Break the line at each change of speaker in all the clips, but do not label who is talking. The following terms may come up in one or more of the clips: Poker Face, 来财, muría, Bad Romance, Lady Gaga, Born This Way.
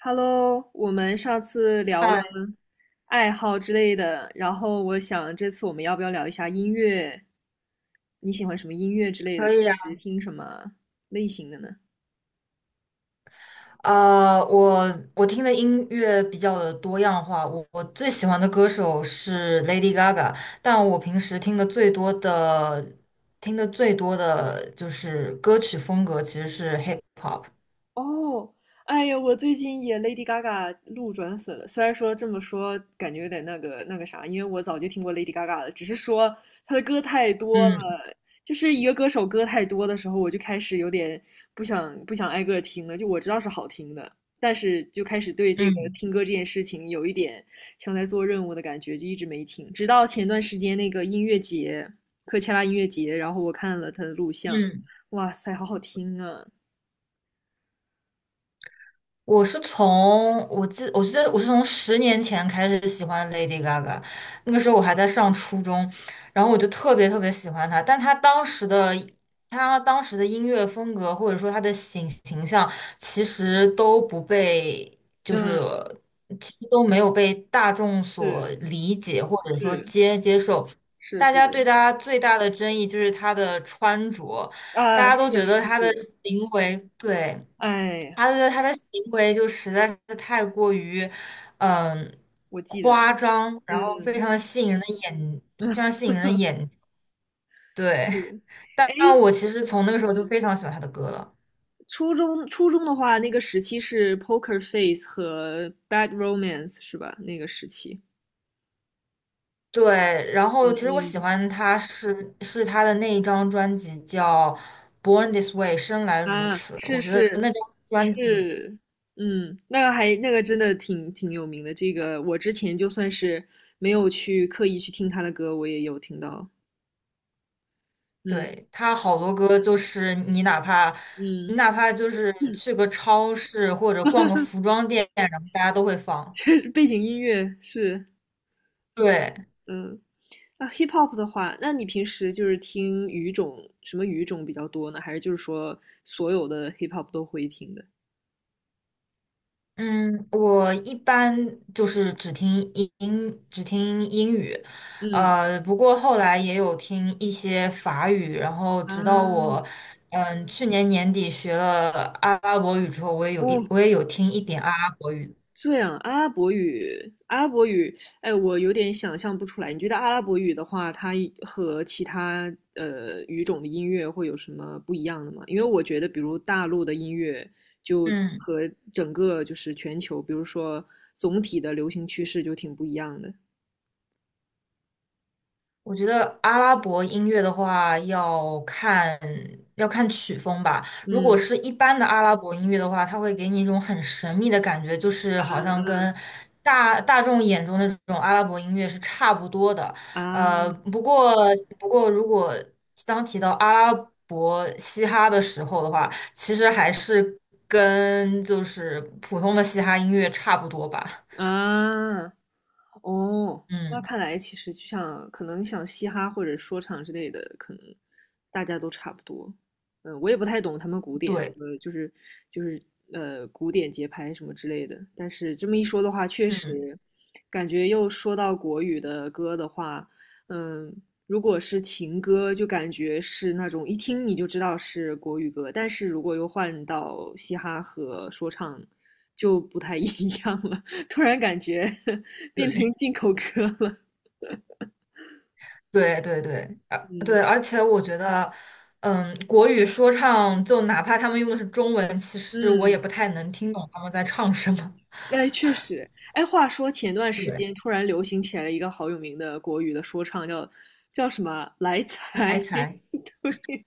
Hello，我们上次聊了
哎，
爱好之类的，然后我想这次我们要不要聊一下音乐？你喜欢什么音乐之类的？
可
平
以啊。
时听什么类型的呢？
呃，我我听的音乐比较的多样化，我最喜欢的歌手是 Lady Gaga，但我平时听的最多的就是歌曲风格其实是 hip hop。
哦，哎呀，我最近也 Lady Gaga 路转粉了。虽然说这么说，感觉有点那个啥，因为我早就听过 Lady Gaga 了，只是说她的歌太多了，
嗯
就是一个歌手歌太多的时候，我就开始有点不想挨个听了。就我知道是好听的，但是就开始对这个
嗯
听歌这件事情有一点像在做任务的感觉，就一直没听。直到前段时间那个音乐节，科切拉音乐节，然后我看了他的录像，
嗯。
哇塞，好好听啊！
我记得我是从10年前开始喜欢 Lady Gaga，那个时候我还在上初中，然后我就特别特别喜欢她，但她当时的音乐风格或者说她的形象，其实都不被就
嗯，
是其实都没有被大众所
是
理解或者说
是
接受，
是
大
是
家
的，
对她最大的争议就是她的穿着，大
啊，
家都
是
觉
是
得她的
是，
行为对。
哎呀，
他觉得他的行为就实在是太过于，嗯、
我记得，
夸张，然后非
嗯，
常的吸引人的眼，非常吸引人的眼，对。
是，
但
哎，
但我其实从那个时候就非常喜欢他的歌了，
初中的话，那个时期是 Poker Face 和 Bad Romance 是吧？那个时期，
对。然
嗯
后其实我喜
嗯，
欢他是他的那一张专辑叫《Born This Way》，生来如
啊，
此。
是
我觉得那
是
张专辑，
是，嗯，那个还那个真的挺有名的，这个我之前就算是没有去刻意去听他的歌，我也有听到，嗯
对，他好多歌就是你哪怕。你
嗯，
哪怕就是去个超市或者逛个服装店，然后大家都会 放。
实背景音乐是，
对，
嗯。啊，hip hop 的话，那你平时就是听语种，什么语种比较多呢？还是就是说所有的 hip hop 都会听的？
嗯，我一般就是只听英语，
嗯，
不过后来也有听一些法语，然后直到我，
啊，
嗯，去年年底学了阿拉伯语之后，
哦，
我也有听一点阿拉伯语，
这样，阿拉伯语，阿拉伯语，哎，我有点想象不出来。你觉得阿拉伯语的话，它和其他语种的音乐会有什么不一样的吗？因为我觉得，比如大陆的音乐，就
嗯。
和整个就是全球，比如说总体的流行趋势就挺不一样的。
我觉得阿拉伯音乐的话，要看曲风吧。如果
嗯，
是一般的阿拉伯音乐的话，它会给你一种很神秘的感觉，就是好
嗯
像跟
嗯
大众眼中的这种阿拉伯音乐是差不多的。呃，
啊。
不过不过，当提到阿拉伯嘻哈的时候的话，其实还是跟就是普通的嘻哈音乐差不多吧。
啊，哦，那
嗯，
看来其实就像可能像嘻哈或者说唱之类的，可能大家都差不多。嗯，我也不太懂他们古典什
对，
么，就是古典节拍什么之类的。但是这么一说的话，确
嗯。
实感觉又说到国语的歌的话，嗯，如果是情歌，就感觉是那种一听你就知道是国语歌，但是如果又换到嘻哈和说唱，就不太一样了。突然感觉 变成
对。
进口歌了。
对对对，啊
嗯
对，而且我觉得，嗯，国语说唱就哪怕他们用的是中文，其实我也
嗯，
不太能听懂他们在唱什么。
哎，确实，哎，话说前段 时
对，
间突然流行起来了一个好有名的国语的说唱，叫什么来财？
来一 猜。
对，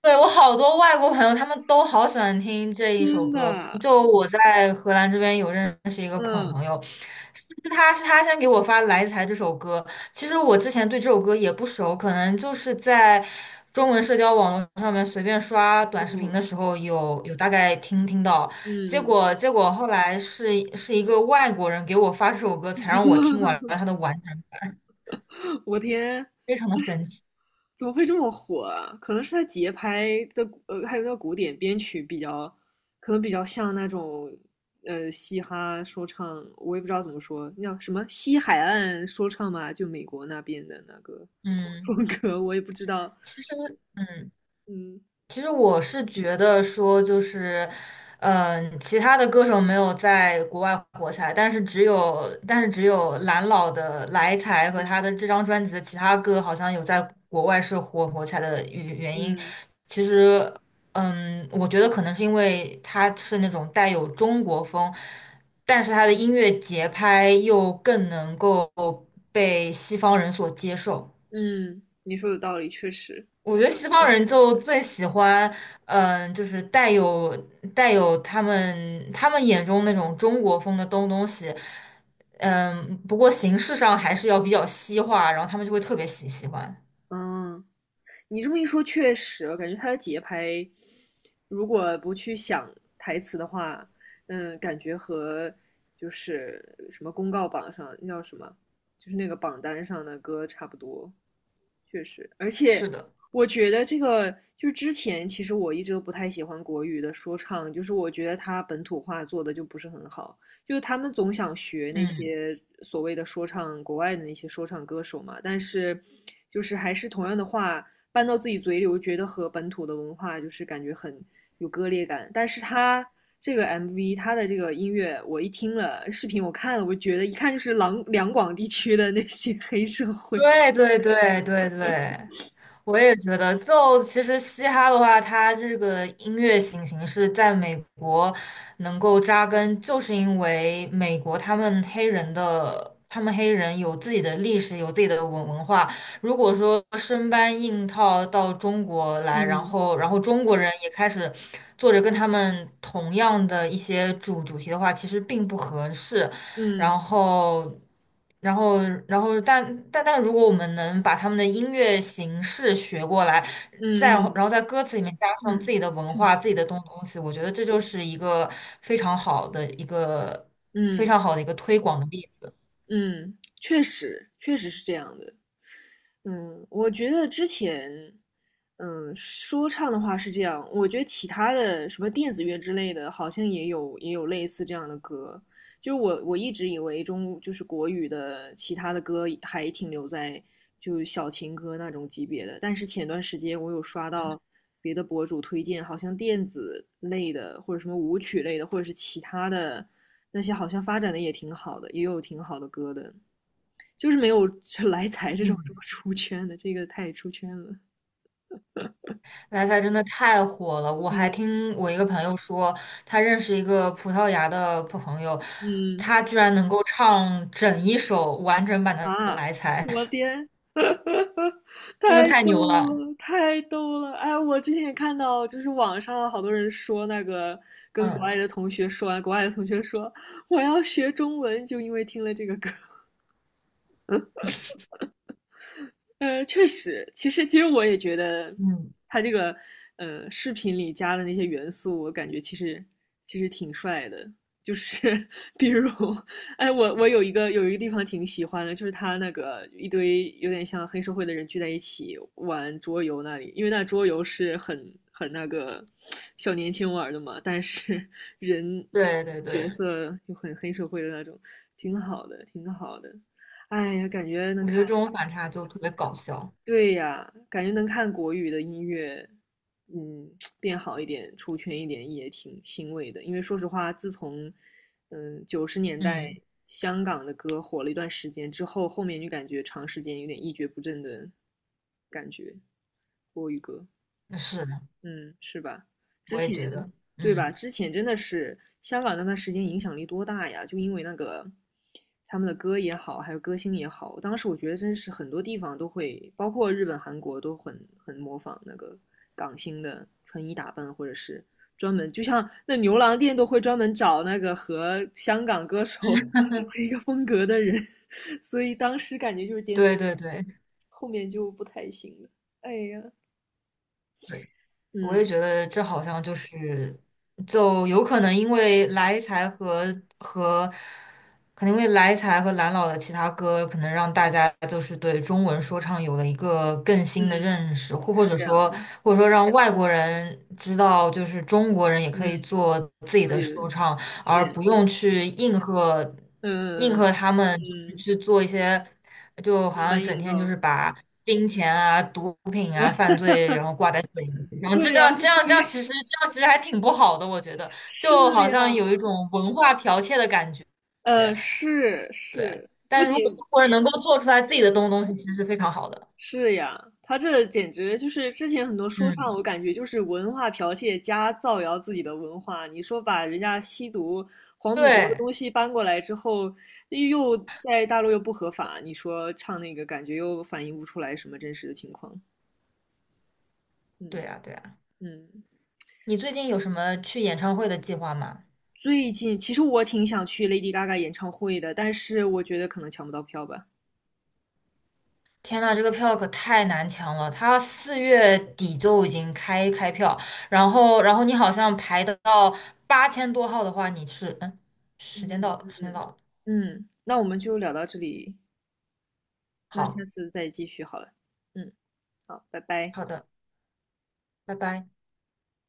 对，我好多外国朋友，他们都好喜欢听这一首
真
歌。
的，
就我在荷兰这边有认识一个朋
嗯
朋友，是是他是他先给我发《来财》这首歌。其实我之前对这首歌也不熟，可能就是在中文社交网络上面随便刷短视频
嗯
的时候有大概听到。
嗯
结果后来是一个外国人给我发这首歌，才让我听完
嗯，
了它的完整，
我天，
非常的神奇。
怎么会这么火啊？可能是他节拍的，还有那古典编曲比较，可能比较像那种，嘻哈说唱，我也不知道怎么说，那叫什么西海岸说唱嘛，就美国那边的那个
嗯，
风格，我也不知道。
其实嗯。
嗯
其实我是觉得说，就是，其他的歌手没有在国外火起来，但是只有蓝老的《来财》和他的
嗯
这张专辑的其他歌，好像有在国外是火起来的原因。
嗯
其实，嗯，我觉得可能是因为他是那种带有中国风，但是他的音乐节拍又更能够被西方人所接受。
嗯，你说的道理确实。
我觉得西方人就最喜欢，就是带有他们眼中那种中国风的东西，嗯，不过形式上还是要比较西化，然后他们就会特别喜欢。
嗯，你这么一说，确实，我感觉他的节拍，如果不去想台词的话，感觉和就是什么公告榜上那叫什么，就是那个榜单上的歌差不多。确实，而且
是的，
我觉得这个就是之前其实我一直都不太喜欢国语的说唱，就是我觉得他本土化做的就不是很好，就是他们总想学那
嗯，
些所谓的说唱国外的那些说唱歌手嘛，但是就是还是同样的话，搬到自己嘴里，我觉得和本土的文化就是感觉很有割裂感。但是他这个 MV,他的这个音乐，我一听了视频，我看了，我觉得一看就是两广地区的那些 黑社会。
对对对对对，我也觉得，就其实嘻哈的话，它这个音乐形式在美国能够扎根，就是因为美国他们黑人的，他们黑人有自己的历史，有自己的文化。如果说生搬硬套到中国来，
嗯
然后中国人也开始做着跟他们同样的一些主题的话，其实并不合适。然
嗯
后，然后，然后，但但，如果我们能把他们的音乐形式学过来，再
嗯
然后然
嗯
后在歌词里面加
嗯
上
嗯。
自己的文
嗯
化、自己的东西，我觉得这就是一个非常好的一个
嗯
推广的例子。
嗯，确实，确实是这样的。嗯，我觉得之前，说唱的话是这样，我觉得其他的什么电子乐之类的，好像也有类似这样的歌。就是我一直以为就是国语的其他的歌还停留在就小情歌那种级别的，但是前段时间我有刷
嗯
到别的博主推荐，好像电子类的或者什么舞曲类的，或者是其他的那些好像发展的也挺好的，也有挺好的歌的，就是没有 来财这种这么
嗯，
出圈的，这个太出圈了。
来财真的太火了，我还
嗯
听我一个朋友说，他认识一个葡萄牙的朋友，
嗯
他居然能够唱整一首完整版的
啊，
《来财》，
我天，
真的
太
太
逗
牛了。
了，太逗了！哎，我之前也看到，就是网上好多人说那个跟国
嗯
外的同学说，国外的同学说我要学中文，就因为听了这个歌。确实，其实我也觉得，
嗯。
他这个视频里加的那些元素，我感觉其实挺帅的。就是 比如，哎，我有一个地方挺喜欢的，就是他那个一堆有点像黑社会的人聚在一起玩桌游那里，因为那桌游是很那个小年轻玩的嘛，但是 人
对对
角
对，
色又很黑社会的那种，挺好的，挺好的。哎呀，感觉能
我觉得
看。
这种反差就特别搞笑。
对呀，感觉能看国语的音乐，嗯，变好一点、出圈一点也挺欣慰的。因为说实话，自从九十年代
嗯，
香港的歌火了一段时间之后，后面就感觉长时间有点一蹶不振的感觉，国语歌。
是的，
嗯，是吧？之
我也
前，
觉得，
对吧？
嗯，
之前真的是香港那段时间影响力多大呀？就因为那个他们的歌也好，还有歌星也好，当时我觉得真是很多地方都会，包括日本、韩国都很模仿那个港星的穿衣打扮，或者是专门，就像那牛郎店都会专门找那个和香港歌手 和一个风格的人，所以当时感觉就是
对对对
后面就不太行了。哎呀，
对，我也
嗯
觉得这好像就是，就有可能因为来财和和可能因为来财和蓝老的其他歌，可能让大家就是对中文说唱有了一个更新的
嗯，
认识，或
是
者
这样的。
说，或者说让外国人知道，就是中国人也可以
嗯，
做自己的
对的，
说
是
唱，
这
而不
样的。
用去应和
嗯
他们，就是
嗯，
去做一些，就好
生
像
搬
整
硬造。
天就是把金钱
嗯，
啊、毒品啊、犯罪，然后挂在嘴里，然后就
对
这
呀，
样 这样这样，其实这样其实还挺不好的，我觉得，
是
就好
呀，
像有一种文化剽窃的感觉。
是
对，
是，不
但如
仅
果中国能够做出来自己的东西，其实是非常好的。
是呀，他这简直就是之前很多说唱，
嗯，
我感觉就是文化剽窃加造谣自己的文化。你说把人家吸毒、黄赌毒的
对，
东西搬过来之后，又在大陆又不合法，你说唱那个感觉又反映不出来什么真实的情况。嗯
对啊，对啊。
嗯。
你最近有什么去演唱会的计划吗？
最近其实我挺想去 Lady Gaga 演唱会的，但是我觉得可能抢不到票吧。
天呐，这个票可太难抢了，它4月底就已经开票，然后你好像排得到8000多号的话，你是嗯，时间到
嗯
了，
嗯，
时间
嗯
到了，
嗯，那我们就聊到这里，那下
好
次再继续好了。嗯，好，拜拜。
好的，拜拜。